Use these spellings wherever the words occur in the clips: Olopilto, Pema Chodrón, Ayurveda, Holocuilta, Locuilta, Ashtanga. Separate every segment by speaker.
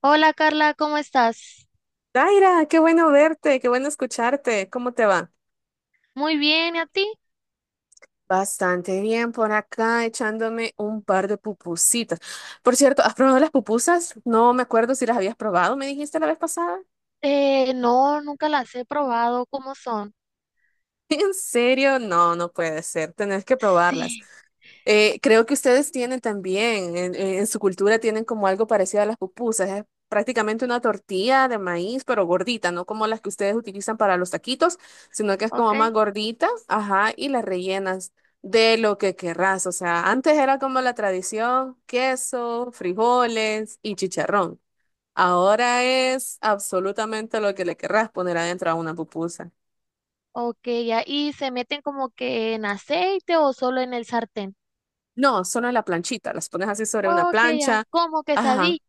Speaker 1: Hola Carla, ¿cómo estás?
Speaker 2: Daira, qué bueno verte, qué bueno escucharte. ¿Cómo te va?
Speaker 1: Muy bien, ¿y a ti?
Speaker 2: Bastante bien por acá, echándome un par de pupusitas. Por cierto, ¿has probado las pupusas? No me acuerdo si las habías probado, me dijiste la vez pasada.
Speaker 1: No, nunca las he probado, ¿cómo son?
Speaker 2: ¿En serio? No, no puede ser. Tenés que probarlas.
Speaker 1: Sí,
Speaker 2: Creo que ustedes tienen también, en su cultura tienen como algo parecido a las pupusas. Es prácticamente una tortilla de maíz, pero gordita, no como las que ustedes utilizan para los taquitos, sino que es como más
Speaker 1: ok.
Speaker 2: gordita, ajá, y las rellenas de lo que querrás. O sea, antes era como la tradición, queso, frijoles y chicharrón. Ahora es absolutamente lo que le querrás poner adentro a una pupusa.
Speaker 1: Ok, ya, ¿y se meten como que en aceite o solo en el sartén?
Speaker 2: No, solo en la planchita, las pones así sobre una
Speaker 1: Ok, ya,
Speaker 2: plancha.
Speaker 1: ¿como quesadilla?
Speaker 2: Ajá.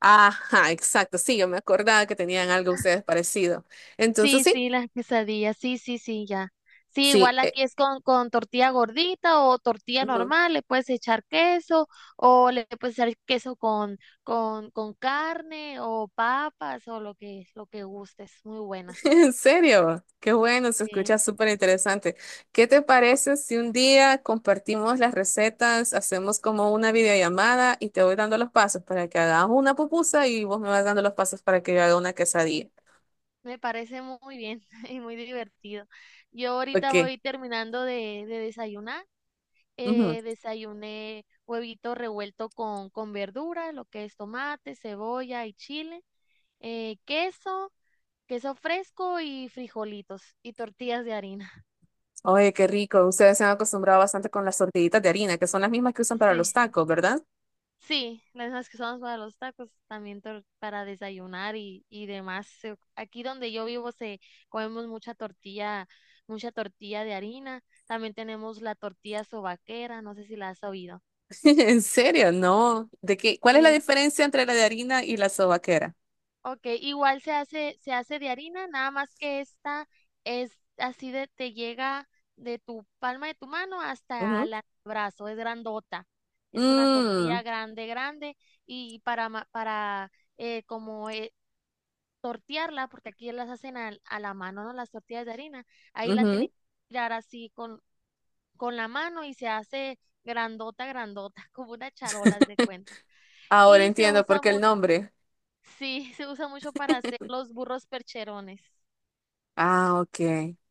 Speaker 2: Ajá, exacto. Sí, yo me acordaba que tenían algo ustedes parecido. Entonces,
Speaker 1: Sí,
Speaker 2: sí,
Speaker 1: sí, las quesadillas, sí, sí, sí, ya. Sí,
Speaker 2: sí.
Speaker 1: igual aquí es con, tortilla gordita o tortilla
Speaker 2: Ujú.
Speaker 1: normal, le puedes echar queso o le puedes echar queso con carne o papas o lo que gustes, muy buenas.
Speaker 2: En serio, qué bueno, se
Speaker 1: Sí,
Speaker 2: escucha súper interesante. ¿Qué te parece si un día compartimos las recetas, hacemos como una videollamada y te voy dando los pasos para que hagas una pupusa y vos me vas dando los pasos para que yo haga una quesadilla?
Speaker 1: me parece muy bien y muy divertido. Yo ahorita
Speaker 2: Ok.
Speaker 1: voy terminando de desayunar.
Speaker 2: Ujú.
Speaker 1: Desayuné huevito revuelto con verdura, lo que es tomate, cebolla y chile, queso, queso fresco y frijolitos y tortillas de harina.
Speaker 2: Oye, qué rico. Ustedes se han acostumbrado bastante con las tortillitas de harina, que son las mismas que usan para los
Speaker 1: Sí.
Speaker 2: tacos, ¿verdad?
Speaker 1: Sí, las mismas que usamos para los tacos, también para desayunar y demás. Aquí donde yo vivo se comemos mucha tortilla de harina. También tenemos la tortilla sobaquera, no sé si la has oído.
Speaker 2: ¿En serio? No. ¿De qué? ¿Cuál es la
Speaker 1: Es,
Speaker 2: diferencia entre la de harina y la sobaquera?
Speaker 1: ok, igual se hace, de harina, nada más que esta es así te llega de tu palma de tu mano hasta
Speaker 2: Ujú.
Speaker 1: el brazo, es grandota. Es una tortilla
Speaker 2: Mm,
Speaker 1: grande, grande y para como tortearla, porque aquí las hacen a la mano, ¿no? Las tortillas de harina. Ahí la tienen
Speaker 2: ujú.
Speaker 1: que tirar así con la mano y se hace grandota, grandota, como unas charolas de cuenta.
Speaker 2: Ahora
Speaker 1: Y se
Speaker 2: entiendo por
Speaker 1: usa
Speaker 2: qué el
Speaker 1: mucho,
Speaker 2: nombre.
Speaker 1: sí, se usa mucho para hacer los burros percherones.
Speaker 2: Ah, ok.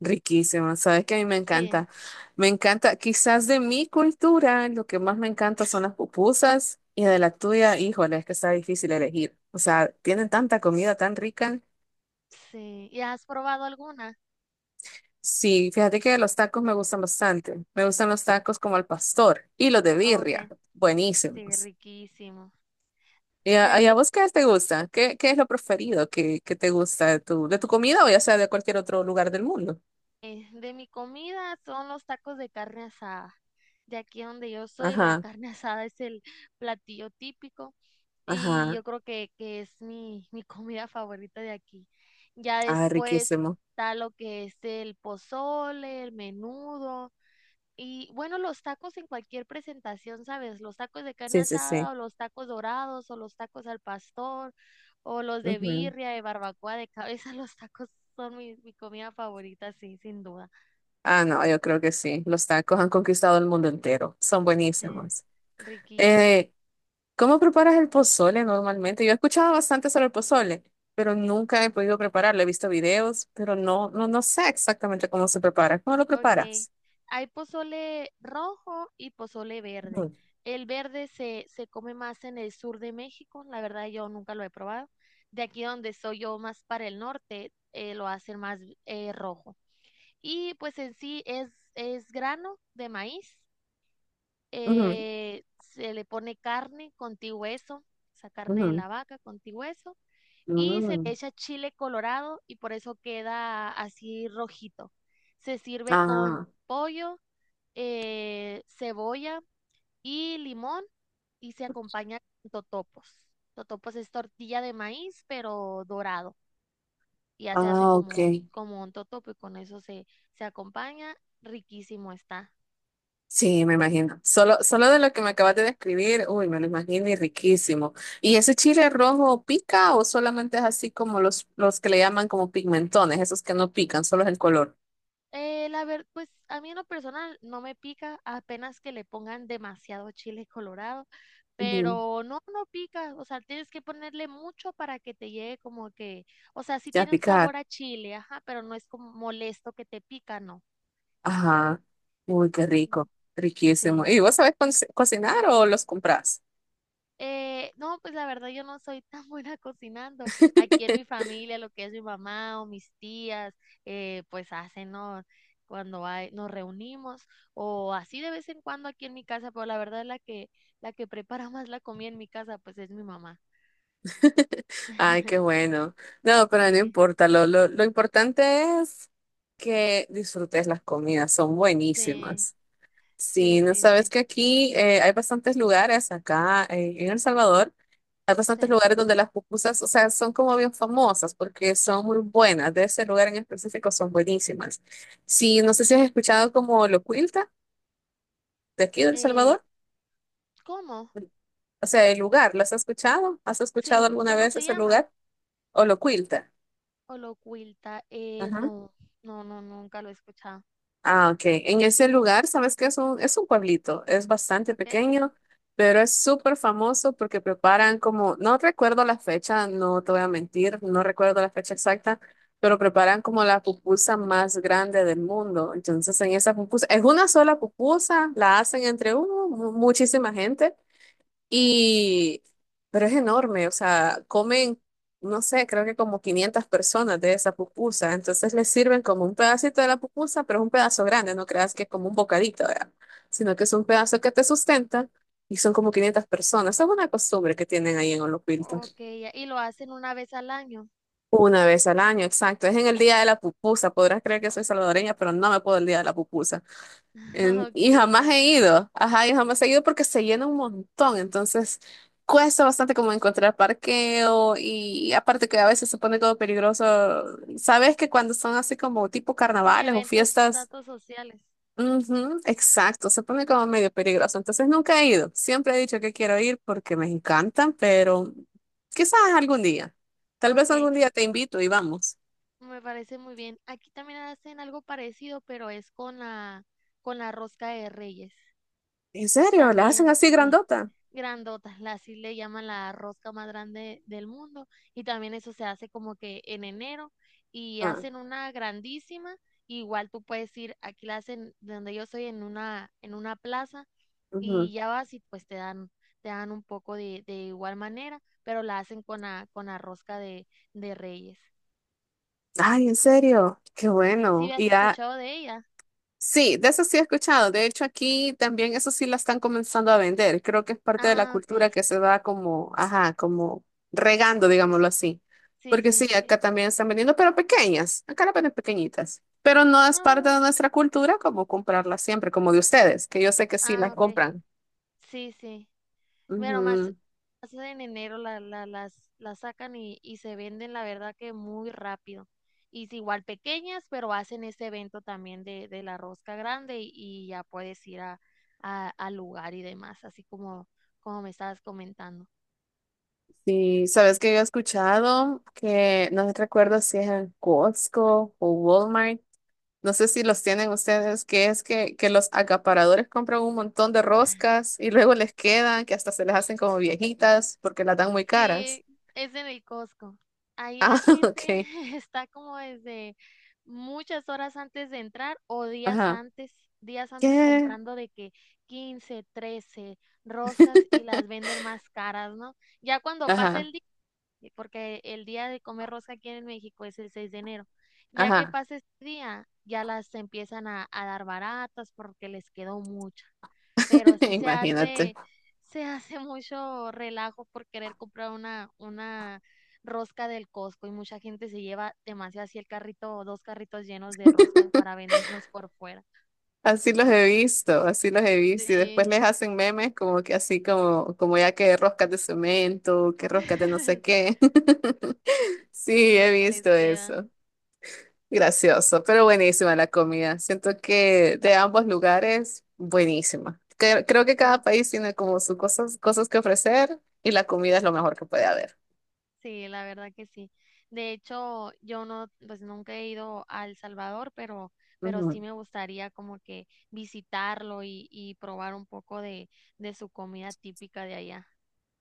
Speaker 2: Riquísimo. Sabes que a mí me
Speaker 1: Sí,
Speaker 2: encanta. Me encanta, quizás de mi cultura, lo que más me encanta son las pupusas y de la tuya, híjole, es que está difícil elegir. O sea, tienen tanta comida tan rica.
Speaker 1: sí. ¿Y has probado alguna?
Speaker 2: Sí, fíjate que los tacos me gustan bastante. Me gustan los tacos como al pastor y los de birria.
Speaker 1: Ok, sí,
Speaker 2: Buenísimos.
Speaker 1: riquísimo.
Speaker 2: ¿Y
Speaker 1: De
Speaker 2: a, y
Speaker 1: aquí
Speaker 2: a vos qué te gusta? ¿Qué es lo preferido que te gusta de tu comida o ya sea de cualquier otro lugar del mundo?
Speaker 1: De mi comida son los tacos de carne asada. De aquí donde yo soy, la
Speaker 2: Ajá,
Speaker 1: carne asada es el platillo típico y
Speaker 2: ajá.
Speaker 1: yo creo que es mi comida favorita de aquí. Ya
Speaker 2: Ah,
Speaker 1: después
Speaker 2: riquísimo.
Speaker 1: está lo que es el pozole, el menudo y bueno, los tacos en cualquier presentación, ¿sabes? Los tacos de carne
Speaker 2: Sí, sí, sí.
Speaker 1: asada o los tacos dorados o los tacos al pastor o los de
Speaker 2: Ujú.
Speaker 1: birria, de barbacoa, de cabeza, los tacos son mi comida favorita, sí, sin duda.
Speaker 2: Ah, no, yo creo que sí. Los tacos han conquistado el mundo entero. Son
Speaker 1: Sí,
Speaker 2: buenísimos.
Speaker 1: riquísimo.
Speaker 2: Eh, ¿cómo preparas el pozole normalmente? Yo he escuchado bastante sobre el pozole, pero nunca he podido prepararlo. He visto videos, pero no, no, no sé exactamente cómo se prepara. ¿Cómo lo
Speaker 1: Ok.
Speaker 2: preparas?
Speaker 1: Hay pozole rojo y pozole verde.
Speaker 2: Ujú,
Speaker 1: El verde se come más en el sur de México. La verdad, yo nunca lo he probado. De aquí donde soy yo, más para el norte, lo hacen más rojo. Y pues en sí es grano de maíz.
Speaker 2: ujú,
Speaker 1: Se le pone carne con ti hueso, esa carne de
Speaker 2: ujú.
Speaker 1: la vaca con ti hueso y se le
Speaker 2: Mm.
Speaker 1: echa chile colorado y por eso queda así rojito. Se sirve con
Speaker 2: Ah.
Speaker 1: pollo, cebolla y limón y se acompaña con totopos. Totopos es tortilla de maíz, pero dorado. Y ya se hace
Speaker 2: Ah,
Speaker 1: como un,
Speaker 2: ok.
Speaker 1: como un totopo y con eso se acompaña. Riquísimo está.
Speaker 2: Sí, me imagino. Solo, solo de lo que me acabas de describir, uy, me lo imagino y riquísimo. ¿Y ese chile rojo pica o solamente es así como los que le llaman como pigmentones, esos que no pican, solo es el color?
Speaker 1: La verdad, pues a mí en lo personal no me pica, apenas que le pongan demasiado chile colorado,
Speaker 2: Ujú,
Speaker 1: pero no, no pica, o sea, tienes que ponerle mucho para que te llegue como que, o sea, sí
Speaker 2: ya
Speaker 1: tiene un
Speaker 2: picar.
Speaker 1: sabor a chile, ajá, pero no es como molesto que te pica, no.
Speaker 2: Ajá. Uy, qué
Speaker 1: No.
Speaker 2: rico. Riquísimo.
Speaker 1: Sí.
Speaker 2: ¿Y vos sabés cocinar o los comprás?
Speaker 1: No, pues la verdad yo no soy tan buena cocinando. Aquí en mi familia, lo que es mi mamá o mis tías, pues hacen, ¿no? Cuando hay, nos reunimos o así de vez en cuando aquí en mi casa, pero la verdad la que prepara más la comida en mi casa, pues es mi mamá.
Speaker 2: Ay, qué bueno. No, pero no
Speaker 1: Sí,
Speaker 2: importa. Lo importante es que disfrutes las comidas. Son
Speaker 1: sí,
Speaker 2: buenísimas. Sí,
Speaker 1: sí,
Speaker 2: no
Speaker 1: sí,
Speaker 2: sabes
Speaker 1: sí,
Speaker 2: que aquí hay bastantes lugares acá en El Salvador, hay bastantes
Speaker 1: sí.
Speaker 2: lugares donde las pupusas, o sea, son como bien famosas porque son muy buenas, de ese lugar en específico son buenísimas. Sí, no sé si has escuchado como Locuilta de aquí de El
Speaker 1: Eh,
Speaker 2: Salvador,
Speaker 1: ¿Cómo?
Speaker 2: o sea, el lugar, ¿las has escuchado? ¿Has escuchado
Speaker 1: Sí,
Speaker 2: alguna
Speaker 1: ¿cómo
Speaker 2: vez
Speaker 1: se
Speaker 2: ese
Speaker 1: llama?
Speaker 2: lugar? O Locuilta.
Speaker 1: Holocuilta.
Speaker 2: Ajá.
Speaker 1: No, no, no, nunca lo he escuchado.
Speaker 2: Ah, ok. En ese lugar, sabes que es un pueblito, es bastante
Speaker 1: ¿Ok?
Speaker 2: pequeño, pero es súper famoso porque preparan como, no recuerdo la fecha, no te voy a mentir, no recuerdo la fecha exacta, pero preparan como la pupusa más grande del mundo. Entonces, en esa pupusa, es una sola pupusa, la hacen entre muchísima gente, y, pero es enorme, o sea, comen, no sé, creo que como 500 personas de esa pupusa. Entonces les sirven como un pedacito de la pupusa, pero es un pedazo grande, no creas que es como un bocadito, ¿verdad? Sino que es un pedazo que te sustenta y son como 500 personas. Es una costumbre que tienen ahí en Olopilto.
Speaker 1: Ok, ya, y lo hacen una vez al año.
Speaker 2: Una vez al año, exacto. Es en el día de la pupusa. Podrás creer que soy salvadoreña, pero no me puedo el día de la pupusa. En- y
Speaker 1: Ok,
Speaker 2: jamás
Speaker 1: ya.
Speaker 2: he ido, ajá, y jamás he ido porque se llena un montón, entonces cuesta bastante como encontrar parqueo y aparte que a veces se pone todo peligroso. Sabes que cuando son así como tipo
Speaker 1: Sí,
Speaker 2: carnavales o
Speaker 1: eventos,
Speaker 2: fiestas,
Speaker 1: datos sociales.
Speaker 2: ujú, exacto, se pone como medio peligroso, entonces nunca he ido. Siempre he dicho que quiero ir porque me encantan, pero quizás algún día, tal vez
Speaker 1: Ok,
Speaker 2: algún día te invito y vamos.
Speaker 1: me parece muy bien. Aquí también hacen algo parecido, pero es con la rosca de Reyes.
Speaker 2: ¿En serio? ¿La hacen
Speaker 1: También,
Speaker 2: así
Speaker 1: sí.
Speaker 2: grandota?
Speaker 1: Grandotas, así le llaman la rosca más grande del mundo y también eso se hace como que en enero y
Speaker 2: Ah,
Speaker 1: hacen una grandísima, igual tú puedes ir, aquí la hacen de donde yo soy en una plaza
Speaker 2: ujú.
Speaker 1: y ya vas y pues te dan un poco de igual manera, pero la hacen con la rosca de Reyes.
Speaker 2: Ay, en serio, qué
Speaker 1: Sí, sí
Speaker 2: bueno.
Speaker 1: has
Speaker 2: Y ya,
Speaker 1: escuchado de ella.
Speaker 2: sí, de eso sí he escuchado. De hecho, aquí también eso sí la están comenzando a vender. Creo que es parte de la
Speaker 1: Ah,
Speaker 2: cultura
Speaker 1: ok.
Speaker 2: que se va como, ajá, como regando, digámoslo así.
Speaker 1: Sí,
Speaker 2: Porque
Speaker 1: sí.
Speaker 2: sí, acá también están vendiendo, pero pequeñas. Acá las venden pequeñitas. Pero no es parte
Speaker 1: No,
Speaker 2: de nuestra cultura como comprarlas siempre, como de ustedes, que yo sé que sí las
Speaker 1: ah, ok.
Speaker 2: compran.
Speaker 1: Sí, sí. Bueno, más,
Speaker 2: Ujú.
Speaker 1: más en enero las sacan y se venden, la verdad que muy rápido. Y es igual pequeñas, pero hacen ese evento también de la rosca grande y ya puedes ir al lugar y demás, así como me estabas comentando.
Speaker 2: Sí, sabes que yo he escuchado que no recuerdo si es en Costco o Walmart. No sé si los tienen ustedes, que es que los acaparadores compran un montón de roscas y luego les quedan, que hasta se les hacen como viejitas porque las dan muy caras.
Speaker 1: Sí, es en el Costco. Ahí
Speaker 2: Ah,
Speaker 1: la gente
Speaker 2: ok.
Speaker 1: está como desde muchas horas antes de entrar o
Speaker 2: Ajá.
Speaker 1: días antes
Speaker 2: ¿Qué?
Speaker 1: comprando de que 15, 13 roscas y las venden más caras, ¿no? Ya cuando pasa
Speaker 2: Ajá.
Speaker 1: el día, porque el día de comer rosca aquí en México es el 6 de enero, ya que
Speaker 2: Ajá.
Speaker 1: pasa ese día, ya las empiezan a dar baratas porque les quedó mucha pero sí se
Speaker 2: Imagínate.
Speaker 1: hace, se hace mucho relajo por querer comprar una rosca del Costco y mucha gente se lleva demasiado así el carrito o dos carritos llenos de roscas para venderlos por fuera.
Speaker 2: Así los he visto, así los he visto. Y después les
Speaker 1: Sí,
Speaker 2: hacen memes como que así como ya que roscas de cemento, que roscas de no sé qué.
Speaker 1: sí,
Speaker 2: Sí, he
Speaker 1: porque les
Speaker 2: visto
Speaker 1: quedan.
Speaker 2: eso. Gracioso, pero buenísima la comida. Siento que de ambos lugares, buenísima. Creo que cada
Speaker 1: Sí,
Speaker 2: país tiene como sus cosas, cosas que ofrecer y la comida es lo mejor que puede haber.
Speaker 1: sí, la verdad que sí. De hecho, yo no, pues nunca he ido a El Salvador, pero, sí
Speaker 2: Ujú.
Speaker 1: me gustaría como que visitarlo y probar un poco de su comida típica de allá.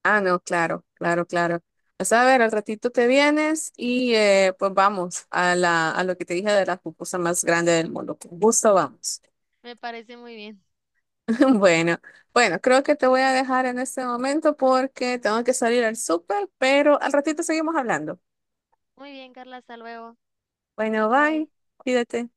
Speaker 2: Ah, no, claro, claro, claro. Pues a ver, al ratito te vienes y pues vamos a a lo que te dije de la pupusa más grande del mundo. Con gusto vamos.
Speaker 1: Me parece muy bien.
Speaker 2: Bueno, bueno, creo que te voy a dejar en este momento porque tengo que salir al súper, pero al ratito seguimos hablando.
Speaker 1: Muy bien, Carla, hasta luego.
Speaker 2: Bueno, bye,
Speaker 1: Bye.
Speaker 2: cuídate.